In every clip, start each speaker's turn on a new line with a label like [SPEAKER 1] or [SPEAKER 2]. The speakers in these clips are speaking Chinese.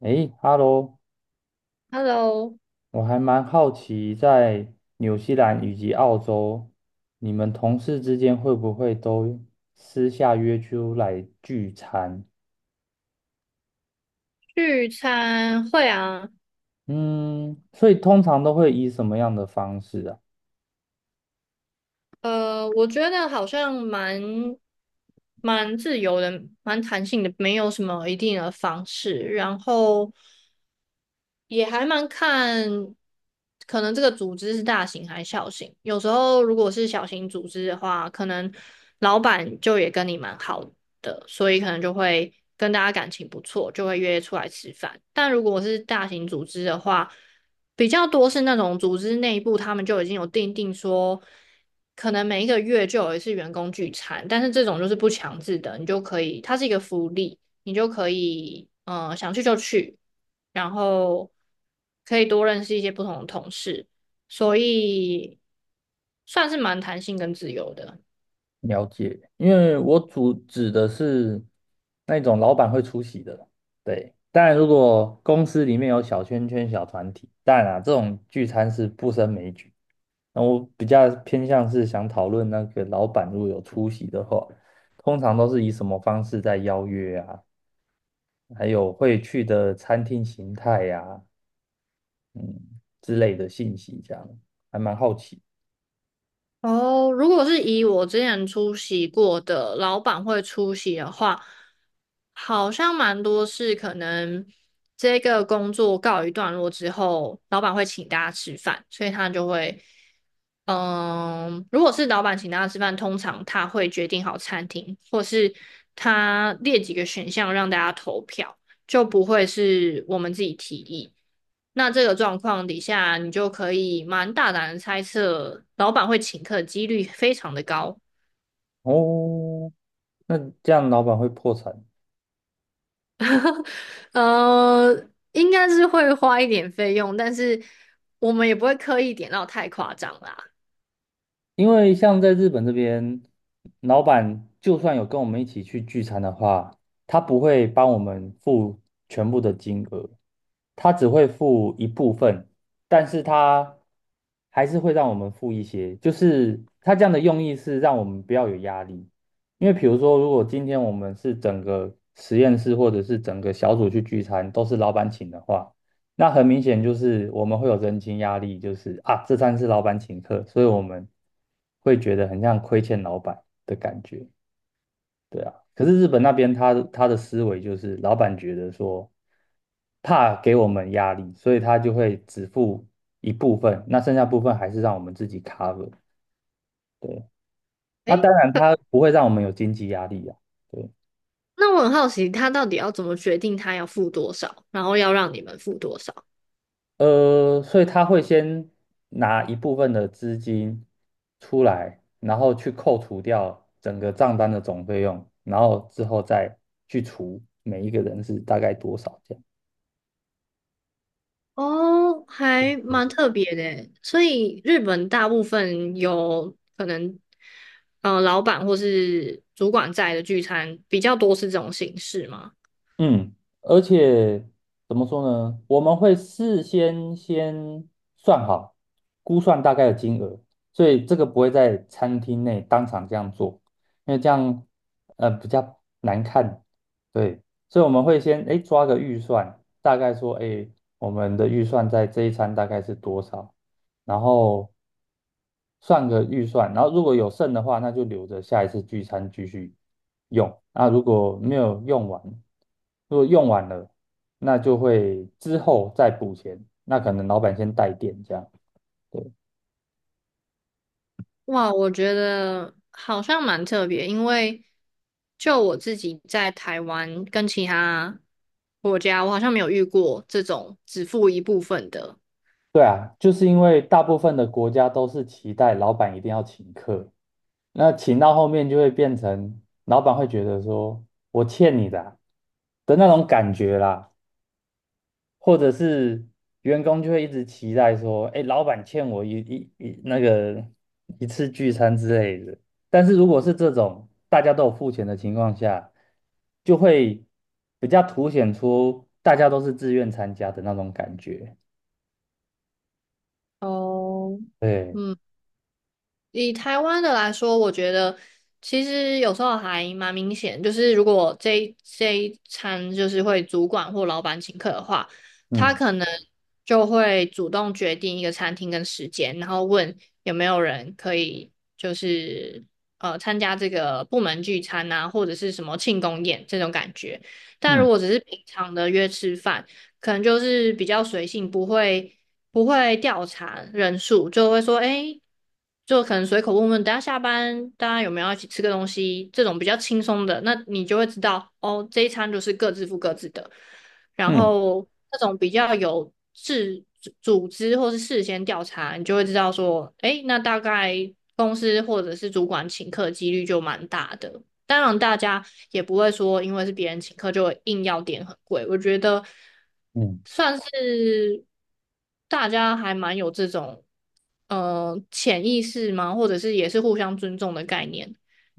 [SPEAKER 1] 诶哈喽！
[SPEAKER 2] Hello，
[SPEAKER 1] 我还蛮好奇，在纽西兰以及澳洲，你们同事之间会不会都私下约出来聚餐？
[SPEAKER 2] 聚餐会啊，
[SPEAKER 1] 嗯，所以通常都会以什么样的方式啊？
[SPEAKER 2] 我觉得好像蛮自由的，蛮弹性的，没有什么一定的方式。然后，也还蛮看，可能这个组织是大型还是小型。有时候如果是小型组织的话，可能老板就也跟你蛮好的，所以可能就会跟大家感情不错，就会约出来吃饭。但如果是大型组织的话，比较多是那种组织内部他们就已经有定说，可能每一个月就有一次员工聚餐，但是这种就是不强制的，你就可以，它是一个福利，你就可以，想去就去。然后可以多认识一些不同的同事，所以算是蛮弹性跟自由的。
[SPEAKER 1] 了解，因为我主指的是那种老板会出席的，对。当然，如果公司里面有小圈圈、小团体，当然啊，这种聚餐是不胜枚举。那我比较偏向是想讨论那个老板如果有出席的话，通常都是以什么方式在邀约啊，还有会去的餐厅形态呀、嗯之类的信息，这样还蛮好奇
[SPEAKER 2] 哦，如果是以我之前出席过的老板会出席的话，好像蛮多是可能这个工作告一段落之后，老板会请大家吃饭，所以他就会嗯，如果是老板请大家吃饭，通常他会决定好餐厅，或是他列几个选项让大家投票，就不会是我们自己提议。那这个状况底下，你就可以蛮大胆的猜测，老板会请客的几率非常的高。
[SPEAKER 1] 哦。那这样老板会破产？
[SPEAKER 2] 应该是会花一点费用，但是我们也不会刻意点到太夸张啦。
[SPEAKER 1] 因为像在日本这边，老板就算有跟我们一起去聚餐的话，他不会帮我们付全部的金额，他只会付一部分，但是他还是会让我们付一些，就是他这样的用意是让我们不要有压力。因为比如说，如果今天我们是整个实验室或者是整个小组去聚餐，都是老板请的话。那很明显就是我们会有人情压力，就是啊，这餐是老板请客，所以我们会觉得很像亏欠老板的感觉，对啊。可是日本那边他的思维就是老板觉得说怕给我们压力，所以他就会只付一部分，那剩下部分还是让我们自己 cover。对，那
[SPEAKER 2] 诶。
[SPEAKER 1] 当然他不会让我们有经济压力啊。对。
[SPEAKER 2] 那我很好奇，他到底要怎么决定他要付多少，然后要让你们付多少？
[SPEAKER 1] 所以他会先拿一部分的资金出来，然后去扣除掉整个账单的总费用，然后之后再去除每一个人是大概多少这样。
[SPEAKER 2] 哦，还蛮特别的耶，所以日本大部分有可能，老板或是主管在的聚餐比较多是这种形式吗？
[SPEAKER 1] 嗯，而且怎么说呢？我们会事先先算好，估算大概的金额，所以这个不会在餐厅内当场这样做，因为这样比较难看。对，所以我们会先哎抓个预算，大概说哎我们的预算在这一餐大概是多少，然后算个预算，然后如果有剩的话，那就留着下一次聚餐继续用。那如果没有用完，如果用完了，那就会之后再补钱。那可能老板先带电这样。对。
[SPEAKER 2] 哇，我觉得好像蛮特别，因为就我自己在台湾跟其他国家，我好像没有遇过这种只付一部分的。
[SPEAKER 1] 对啊，就是因为大部分的国家都是期待老板一定要请客，那请到后面就会变成老板会觉得说我欠你的啊的那种感觉啦。或者是员工就会一直期待说，哎，老板欠我一那个一次聚餐之类的。但是如果是这种大家都有付钱的情况下，就会比较凸显出大家都是自愿参加的那种感觉。
[SPEAKER 2] 哦，
[SPEAKER 1] 对，
[SPEAKER 2] 嗯。以台湾的来说，我觉得其实有时候还蛮明显，就是如果这一餐就是会主管或老板请客的话，他
[SPEAKER 1] 嗯
[SPEAKER 2] 可能就会主动决定一个餐厅跟时间，然后问有没有人可以就是参加这个部门聚餐啊，或者是什么庆功宴这种感觉。但
[SPEAKER 1] 嗯
[SPEAKER 2] 如果只是平常的约吃饭，可能就是比较随性，不会。不会调查人数，就会说，哎，就可能随口问问，等下下班大家有没有要一起吃个东西，这种比较轻松的，那你就会知道，哦，这一餐就是各自付各自的。然
[SPEAKER 1] 嗯
[SPEAKER 2] 后那种比较有事组织或是事先调查，你就会知道说，哎，那大概公司或者是主管请客几率就蛮大的。当然，大家也不会说因为是别人请客就硬要点很贵。我觉得
[SPEAKER 1] 嗯
[SPEAKER 2] 算是大家还蛮有这种潜意识吗？或者是也是互相尊重的概念，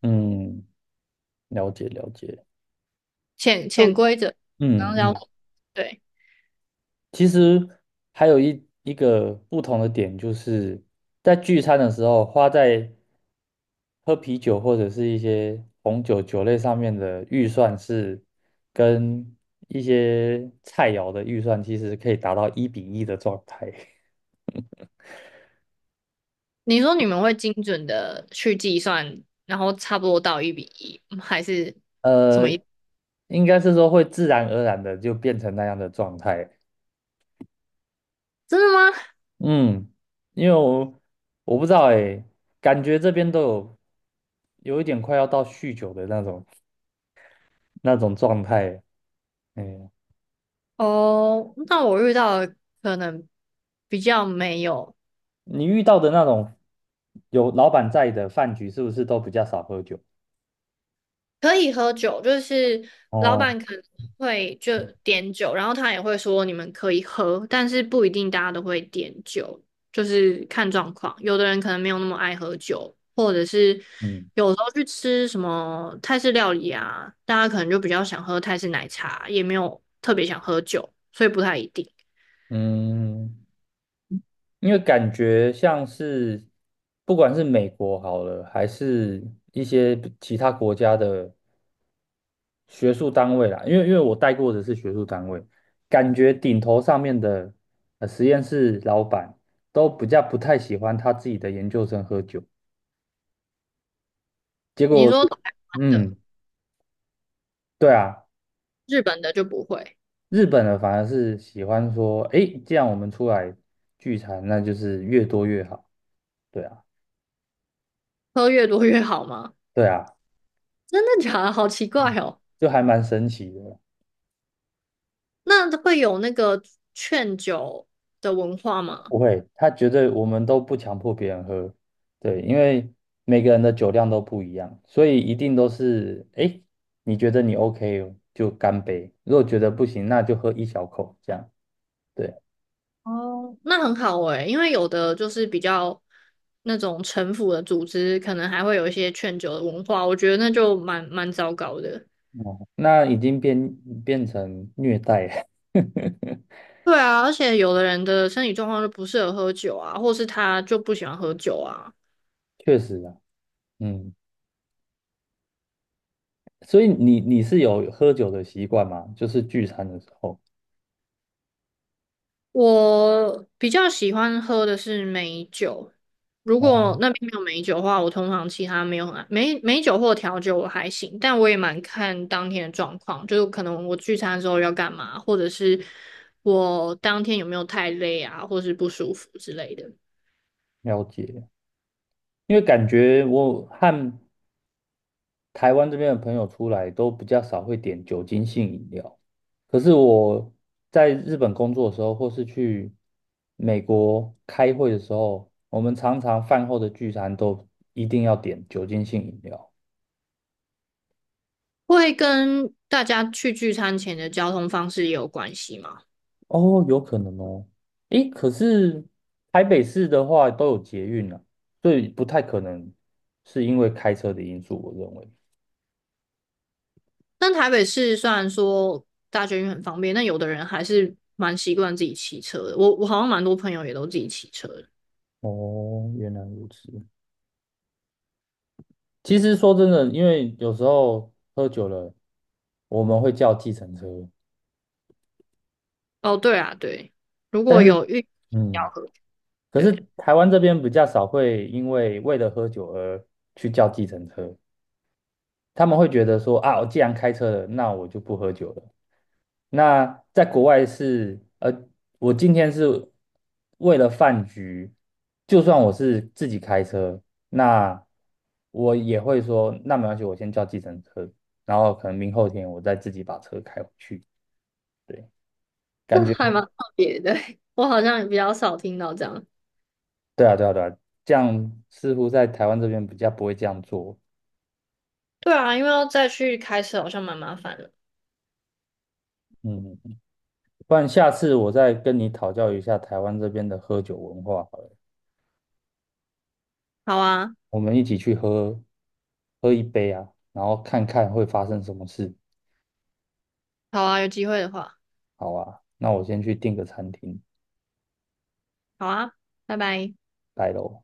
[SPEAKER 1] 嗯，嗯，了解了解。
[SPEAKER 2] 潜
[SPEAKER 1] 就
[SPEAKER 2] 潜规则。然
[SPEAKER 1] 嗯
[SPEAKER 2] 后要
[SPEAKER 1] 嗯
[SPEAKER 2] 对
[SPEAKER 1] 其实还有一个不同的点，就是在聚餐的时候，花在喝啤酒或者是一些红酒酒类上面的预算是跟一些菜肴的预算其实可以达到一比一的状态。
[SPEAKER 2] 你说，你们会精准的去计算，然后差不多到一比一，还是什
[SPEAKER 1] 呃，
[SPEAKER 2] 么一？
[SPEAKER 1] 应该是说会自然而然的就变成那样的状态。
[SPEAKER 2] 真的吗？
[SPEAKER 1] 嗯，因为我不知道哎，感觉这边都有一点快要到酗酒的那种那种状态。哎，
[SPEAKER 2] 哦，那我遇到的可能比较没有。
[SPEAKER 1] 你遇到的那种有老板在的饭局，是不是都比较少喝酒？
[SPEAKER 2] 可以喝酒，就是老
[SPEAKER 1] 哦，
[SPEAKER 2] 板可能会就点酒，然后他也会说你们可以喝，但是不一定大家都会点酒，就是看状况。有的人可能没有那么爱喝酒，或者是
[SPEAKER 1] 嗯
[SPEAKER 2] 有时候去吃什么泰式料理啊，大家可能就比较想喝泰式奶茶，也没有特别想喝酒，所以不太一定。
[SPEAKER 1] 嗯，因为感觉像是不管是美国好了，还是一些其他国家的学术单位啦，因为我带过的是学术单位，感觉顶头上面的实验室老板都比较不太喜欢他自己的研究生喝酒，结
[SPEAKER 2] 你
[SPEAKER 1] 果，
[SPEAKER 2] 说台湾的、
[SPEAKER 1] 嗯，对啊。
[SPEAKER 2] 日本的就不会，
[SPEAKER 1] 日本人反而是喜欢说，诶，既然我们出来聚餐，那就是越多越好。对啊，
[SPEAKER 2] 喝越多越好吗？
[SPEAKER 1] 对啊，
[SPEAKER 2] 真的假的？好奇怪哦。
[SPEAKER 1] 就还蛮神奇的。
[SPEAKER 2] 那会有那个劝酒的文化吗？
[SPEAKER 1] 不会，他觉得我们都不强迫别人喝，对，因为每个人的酒量都不一样，所以一定都是，诶，你觉得你 OK 哦就干杯，如果觉得不行，那就喝一小口这样。对，
[SPEAKER 2] 哦，那很好诶、因为有的就是比较那种城府的组织，可能还会有一些劝酒的文化，我觉得那就蛮糟糕的。
[SPEAKER 1] 哦，那已经变成虐待了，
[SPEAKER 2] 对啊，而且有的人的身体状况就不适合喝酒啊，或是他就不喜欢喝酒啊。
[SPEAKER 1] 确实啊，嗯。所以你是有喝酒的习惯吗？就是聚餐的时候，
[SPEAKER 2] 我比较喜欢喝的是美酒，如
[SPEAKER 1] 哦，
[SPEAKER 2] 果那边没有美酒的话，我通常其他没有很爱美酒或调酒我还行，但我也蛮看当天的状况，就是可能我聚餐的时候要干嘛，或者是我当天有没有太累啊，或是不舒服之类的，
[SPEAKER 1] 了解。因为感觉我和台湾这边的朋友出来都比较少会点酒精性饮料，可是我在日本工作的时候，或是去美国开会的时候，我们常常饭后的聚餐都一定要点酒精性饮料。
[SPEAKER 2] 会跟大家去聚餐前的交通方式也有关系嘛？
[SPEAKER 1] 哦，有可能哦。诶，可是台北市的话都有捷运啊，所以不太可能是因为开车的因素，我认为。
[SPEAKER 2] 但台北市虽然说大捷运很方便，但有的人还是蛮习惯自己骑车的，我好像蛮多朋友也都自己骑车的。
[SPEAKER 1] 哦，原来如此。其实说真的，因为有时候喝酒了，我们会叫计程车，
[SPEAKER 2] 哦，对啊，对，如
[SPEAKER 1] 但
[SPEAKER 2] 果
[SPEAKER 1] 是
[SPEAKER 2] 有遇要
[SPEAKER 1] 嗯，
[SPEAKER 2] 喝，
[SPEAKER 1] 可是
[SPEAKER 2] 对，
[SPEAKER 1] 台湾这边比较少会因为为了喝酒而去叫计程车，他们会觉得说啊，我既然开车了，那我就不喝酒了。那在国外是，我今天是为了饭局，就算我是自己开车，那我也会说，那没关系，我先叫计程车，然后可能明后天我再自己把车开回去。对，感
[SPEAKER 2] 那
[SPEAKER 1] 觉，
[SPEAKER 2] 还蛮特别的，我好像也比较少听到这样。
[SPEAKER 1] 对啊，对啊，对啊，这样似乎在台湾这边比较不会这样做。
[SPEAKER 2] 对啊，因为要再去开车好像蛮麻烦的。
[SPEAKER 1] 嗯，不然下次我再跟你讨教一下台湾这边的喝酒文化好了，
[SPEAKER 2] 好啊，
[SPEAKER 1] 我们一起去喝一杯啊，然后看看会发生什么事。
[SPEAKER 2] 好啊，有机会的话，
[SPEAKER 1] 好啊，那我先去订个餐厅，
[SPEAKER 2] 好啊，拜拜。
[SPEAKER 1] 拜喽。